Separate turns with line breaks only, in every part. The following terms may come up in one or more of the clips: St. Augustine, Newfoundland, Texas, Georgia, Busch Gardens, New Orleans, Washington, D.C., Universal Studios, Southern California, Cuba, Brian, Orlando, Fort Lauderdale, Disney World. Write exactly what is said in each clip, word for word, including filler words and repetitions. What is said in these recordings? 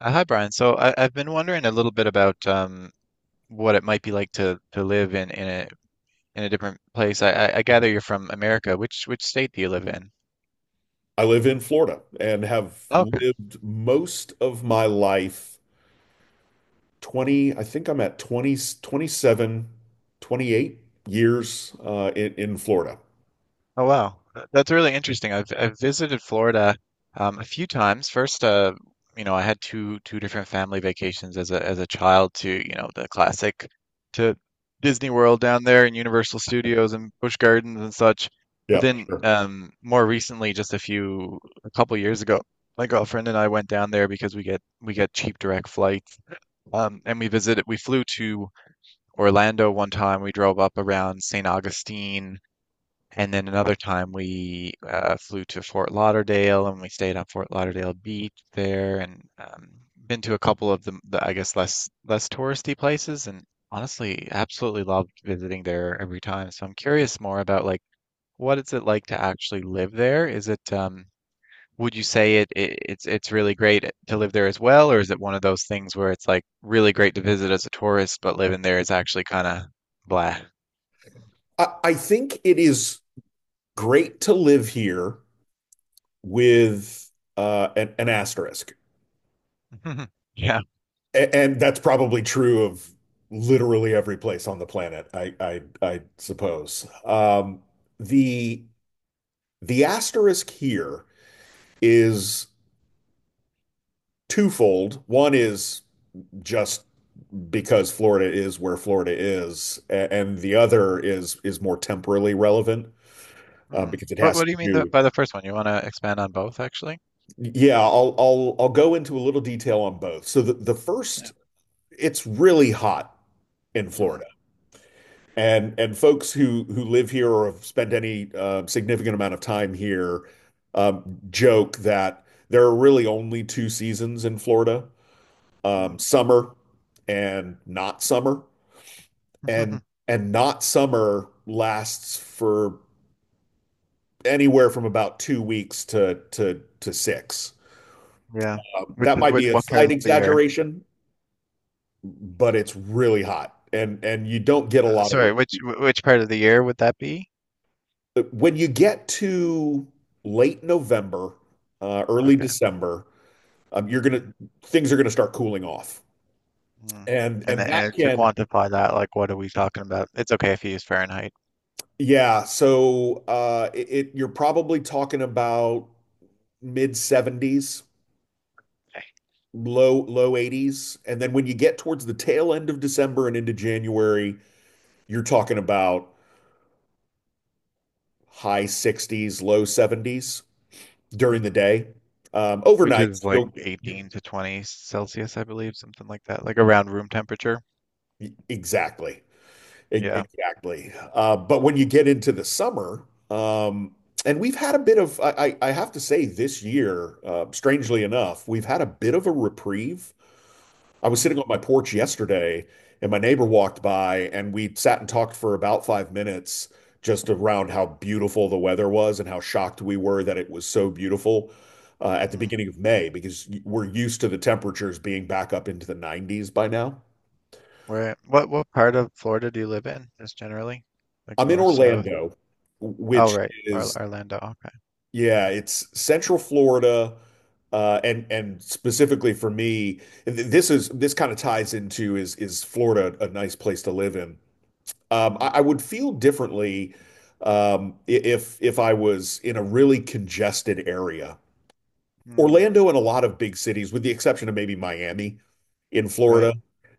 Uh, hi, Brian. So I, I've been wondering a little bit about um, what it might be like to, to live in, in a in a different place. I, I I gather you're from America. Which which state do you live in?
I live in Florida and have lived most of my life. twenty, I think I'm at twenty, twenty seven, twenty eight years uh, in, in Florida.
Oh, wow, Th- that's really interesting. I've I've visited Florida um, a few times. First, uh, you know, I had two two different family vacations as a as a child to, you know, the classic to Disney World down there, and Universal Studios and Busch Gardens and such. But
Yeah,
then
sure.
um, more recently, just a few a couple years ago, my girlfriend and I went down there because we get we get cheap direct flights. Um, and we visited. We flew to Orlando one time. We drove up around Saint Augustine, and then another time we uh, flew to Fort Lauderdale and we stayed on Fort Lauderdale Beach there, and um, been to a couple of the, the I guess less less touristy places, and honestly absolutely loved visiting there every time. So I'm curious more about, like, what is it like to actually live there? Is it um, Would you say it, it it's it's really great to live there as well, or is it one of those things where it's like really great to visit as a tourist, but living there is actually kind of blah?
I, I think it is great to live here with uh, an, an asterisk.
Yeah.
A- and that's probably true of literally every place on the planet, I, I, I suppose. Um, the, the asterisk here is twofold. One is just because Florida is where Florida is, a- and the other is is more temporally relevant, uh,
Hmm.
because it
What
has
What do you
to
mean th-
do.
by the first one? You want to expand on both, actually?
Yeah, I'll I'll I'll go into a little detail on both. So the, the
Yeah.
first, it's really hot in
Hmm.
Florida, and and folks who who live here or have spent any uh, significant amount of time here um, joke that there are really only two seasons in Florida:
Hmm.
um, summer and not summer. and and not summer lasts for anywhere from about two weeks to to to six.
Yeah.
Um,
Which
that
is
might
which?
be a
What part
slight
of the year?
exaggeration, but it's really hot, and and you don't get a
Uh,
lot of
sorry, which
relief.
wh- which part of the year would that be?
But when you get to late November, uh, early
Okay.
December, um, you're
Hmm.
gonna things are gonna start cooling off,
Hmm.
and
And
and
the,
that
and to
can.
quantify that, like, what are we talking about? It's okay if you use Fahrenheit.
Yeah. So uh, it, it you're probably talking about mid seventies, low low eighties, and then when you get towards the tail end of December and into January you're talking about high sixties, low seventies during
Hmm.
the day. Um
Which
overnight
is like
you'll.
eighteen to twenty Celsius, I believe, something like that, like around room temperature.
Exactly. E-
Yeah.
exactly. Uh but when you get into the summer, um and we've had a bit of. I I I have to say, this year, uh strangely enough, we've had a bit of a
Hmm.
reprieve. I was
Hmm.
sitting on my porch yesterday, and my neighbor walked by, and we sat and talked for about five minutes just around how beautiful the weather was and how shocked we were that it was so beautiful uh, at the
Hmm.
beginning of May, because we're used to the temperatures being back up into the nineties by now.
Right. What what part of Florida do you live in, just generally? Like
I'm in
north, south?
Orlando,
Oh,
which
right. Or
is,
Orlando. Okay.
yeah, it's Central Florida. Uh, and
Mhm.
and specifically for me, th- this is this kind of ties into: is is Florida a nice place to live in? Um,
Mm,
I, I would feel differently um, i- if if I was in a really congested area.
mm,
Orlando and a lot of big cities, with the exception of maybe Miami in
right.
Florida,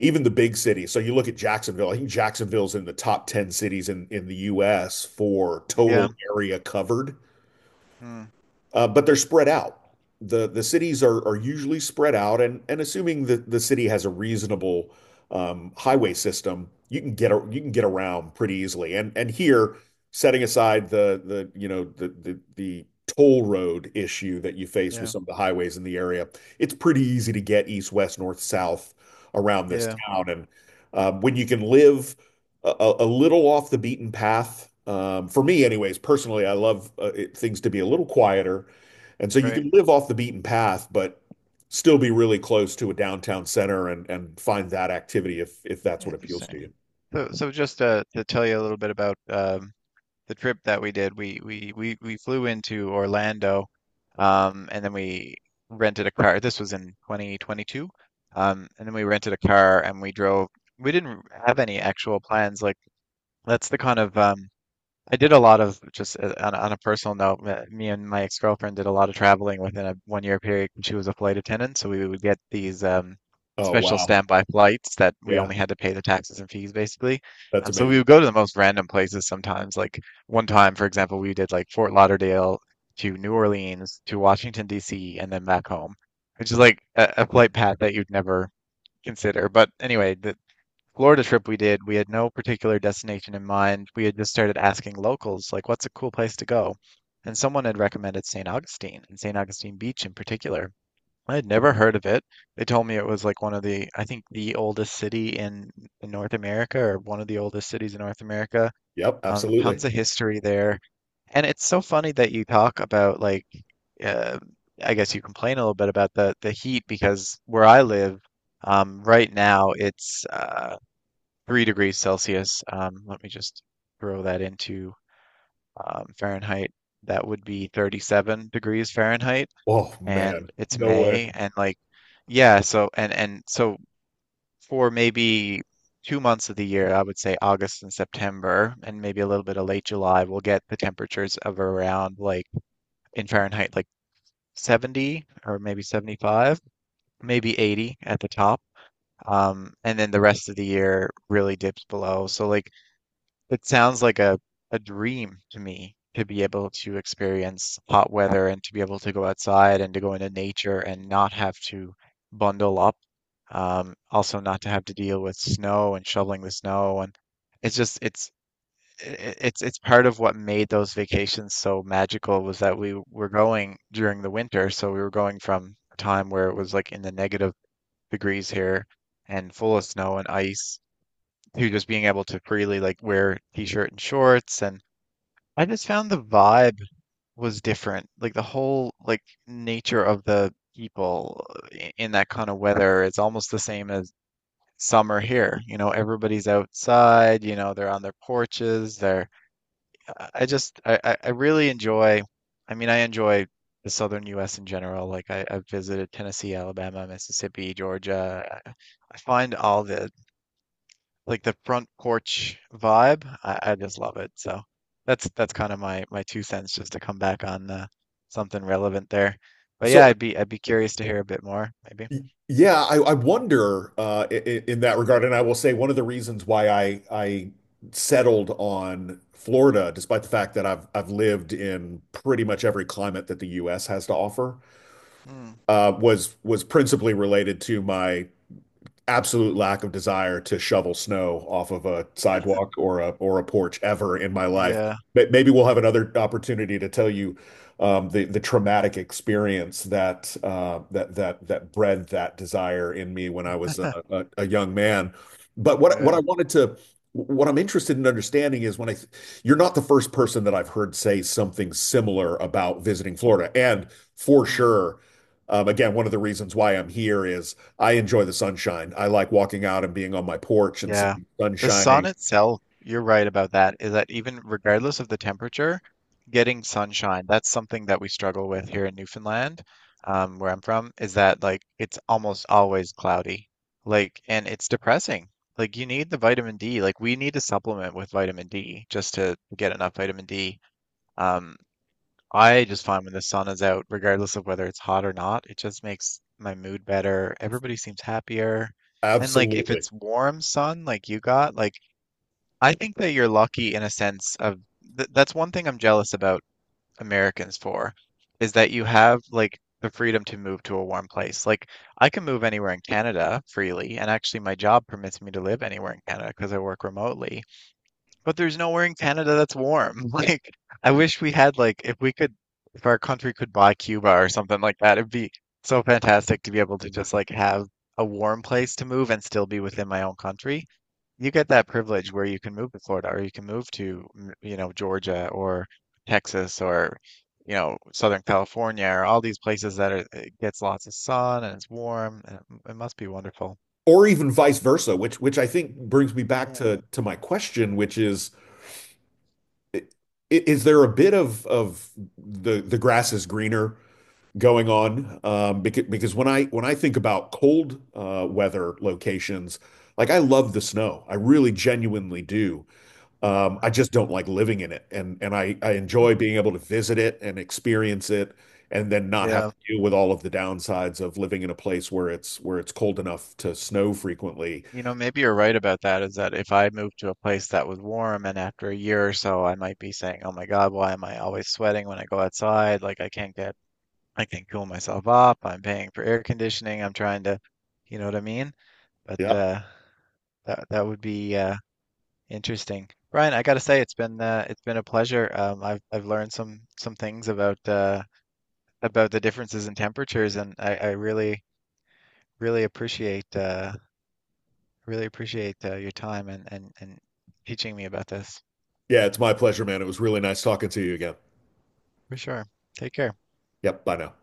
even the big cities. So you look at Jacksonville. I think Jacksonville's in the top ten cities in in the U S for
Yeah.
total area covered.
Mm,
Uh, But they're spread out. The The cities are are usually spread out, and and assuming that the city has a reasonable um, highway system, you can get a, you can get
mm,
around pretty easily. And and here, setting aside the, the you know, the the the toll road issue that you face with
yeah.
some of the highways in the area, it's pretty easy to get east, west, north, south around this
Yeah.
town. And um, when you can live a, a little off the beaten path. Um, for me, anyways, personally, I love, uh, it, things to be a little quieter. And so you
Right.
can live off the beaten path, but still be really close to a downtown center and, and find that activity if, if that's what appeals to
Interesting.
you.
So, so just, uh, to tell you a little bit about um, the trip that we did, we we we we flew into Orlando, um, and then we rented a car. This was in two thousand twenty-two, um, and then we rented a car and we drove. We didn't have any actual plans. Like, that's the kind of. Um, I did a lot of just, uh, on, a- on a personal note. me me and my ex-girlfriend did a lot of traveling within a one-year period. She was a flight attendant, so we would get these um,
Oh,
special
wow.
standby flights that we
Yeah,
only had to pay the taxes and fees, basically.
that's
Um, so we
amazing.
would go to the most random places sometimes. Like one time, for example, we did like Fort Lauderdale to New Orleans to Washington, D C, and then back home, which is like a, a flight path that you'd never consider. But anyway, th Florida trip we did, we had no particular destination in mind. We had just started asking locals, like, what's a cool place to go? And someone had recommended Saint Augustine, and Saint Augustine Beach in particular. I had never heard of it. They told me it was like one of the, I think, the oldest city in, in North America, or one of the oldest cities in North America.
Yep,
Um,
absolutely.
tons of history there. And it's so funny that you talk about, like, uh, I guess you complain a little bit about the the heat, because where I live, um, right now it's, uh, three degrees Celsius. Um, let me just throw that into, um, Fahrenheit. That would be thirty-seven degrees Fahrenheit,
Oh, man.
and it's
No way.
May, and, like, yeah. So and and so, for maybe two months of the year, I would say August and September, and maybe a little bit of late July, we'll get the temperatures of around, like, in Fahrenheit, like seventy or maybe seventy-five, maybe eighty at the top. Um, and then the rest of the year really dips below. So, like, it sounds like a, a dream to me to be able to experience hot weather and to be able to go outside and to go into nature and not have to bundle up. Um, also, not to have to deal with snow and shoveling the snow, and it's just, it's I- I- it's it's part of what made those vacations so magical. Was that we were going during the winter, so we were going from a time where it was, like, in the negative degrees here, and full of snow and ice, who just being able to freely, like, wear t-shirt and shorts, and I just found the vibe was different. Like, the whole, like, nature of the people, uh, i- in that kind of weather, is almost the same as summer here. You know, everybody's outside, you know, they're on their porches, they're. I I just I, I I really enjoy, I mean, I enjoy the southern U S in general. Like, I, I've visited Tennessee, Alabama, Mississippi, Georgia. I I find all the, like, the front porch vibe. I, I just love it. So that's that's kind of my my two cents, just to come back on, uh, something relevant there. But yeah,
So,
I'd be I'd be curious to hear a bit more, maybe.
yeah, I, I wonder, uh, in, in that regard, and I will say one of the reasons why I I settled on Florida, despite the fact that I've I've lived in pretty much every climate that the U S has to offer,
Hmm.
uh, was was principally related to my absolute lack of desire to shovel snow off of a sidewalk or a or a porch ever in my life.
Yeah,
But maybe we'll have another opportunity to tell you um, the the traumatic experience that uh, that that that bred that desire in me when I was a, a, a young man. But what what I
yeah.
wanted to what I'm interested in understanding is, when I you're not the first person that I've heard say something similar about visiting Florida, and for
Hmm.
sure. Um, again, one of the reasons why I'm here is I enjoy the sunshine. I like walking out and being on my porch and seeing
Yeah.
the sun
The sun
shining.
itself, you're right about that, is that even regardless of the temperature, getting sunshine, that's something that we struggle with here in Newfoundland, um, where I'm from, is that, like, it's almost always cloudy. Like, and it's depressing. Like, you need the vitamin D. Like, we need to supplement with vitamin D just to get enough vitamin D. Um, I just find, when the sun is out, regardless of whether it's hot or not, it just makes my mood better. Everybody seems happier. And, like, if
Absolutely.
it's warm sun like you got, like, I think that you're lucky, in a sense of th that's one thing I'm jealous about Americans for, is that you have, like, the freedom to move to a warm place. Like, I can move anywhere in Canada freely, and actually my job permits me to live anywhere in Canada because I work remotely. But there's nowhere in Canada that's warm. Like, I wish we had, like, if we could if our country could buy Cuba or something like that, it'd be so fantastic to be able to just, like, have a warm place to move and still be within my own country. You get that privilege where you can move to Florida, or you can move to, mm, you know, Georgia, or Texas, or, you know, Southern California, or all these places that are, it gets lots of sun and it's warm. And it, it must be wonderful.
Or even vice versa, which which I think brings me back
Mm.
to to my question, which is, i- is there a bit of of the the grass is greener going
Mm,
on, um, because because when I when I think about cold uh, weather locations, like, I love the snow. I really genuinely do. Um, I
well.
just don't like living in it. And and I I enjoy being able to visit it and experience it and then not have
Yeah.
to deal with all of the downsides of living in a place where it's where it's cold enough to snow frequently.
You know, maybe you're right about that, is that if I moved to a place that was warm, and after a year or so, I might be saying, oh my God, why am I always sweating when I go outside? Like, I can't get, I can't cool myself up. I'm paying for air conditioning. I'm trying to, you know what I mean? But,
Yep.
uh, that that would be, uh, interesting. Brian, I gotta say, it's been uh, it's been a pleasure. Um, I've I've learned some some things about, uh, about the differences in temperatures, and I, I really really appreciate, uh, I really appreciate uh, your time, and, and, and teaching me about this.
Yeah, it's my pleasure, man. It was really nice talking to you again.
For sure. Take care.
Yep. Bye now.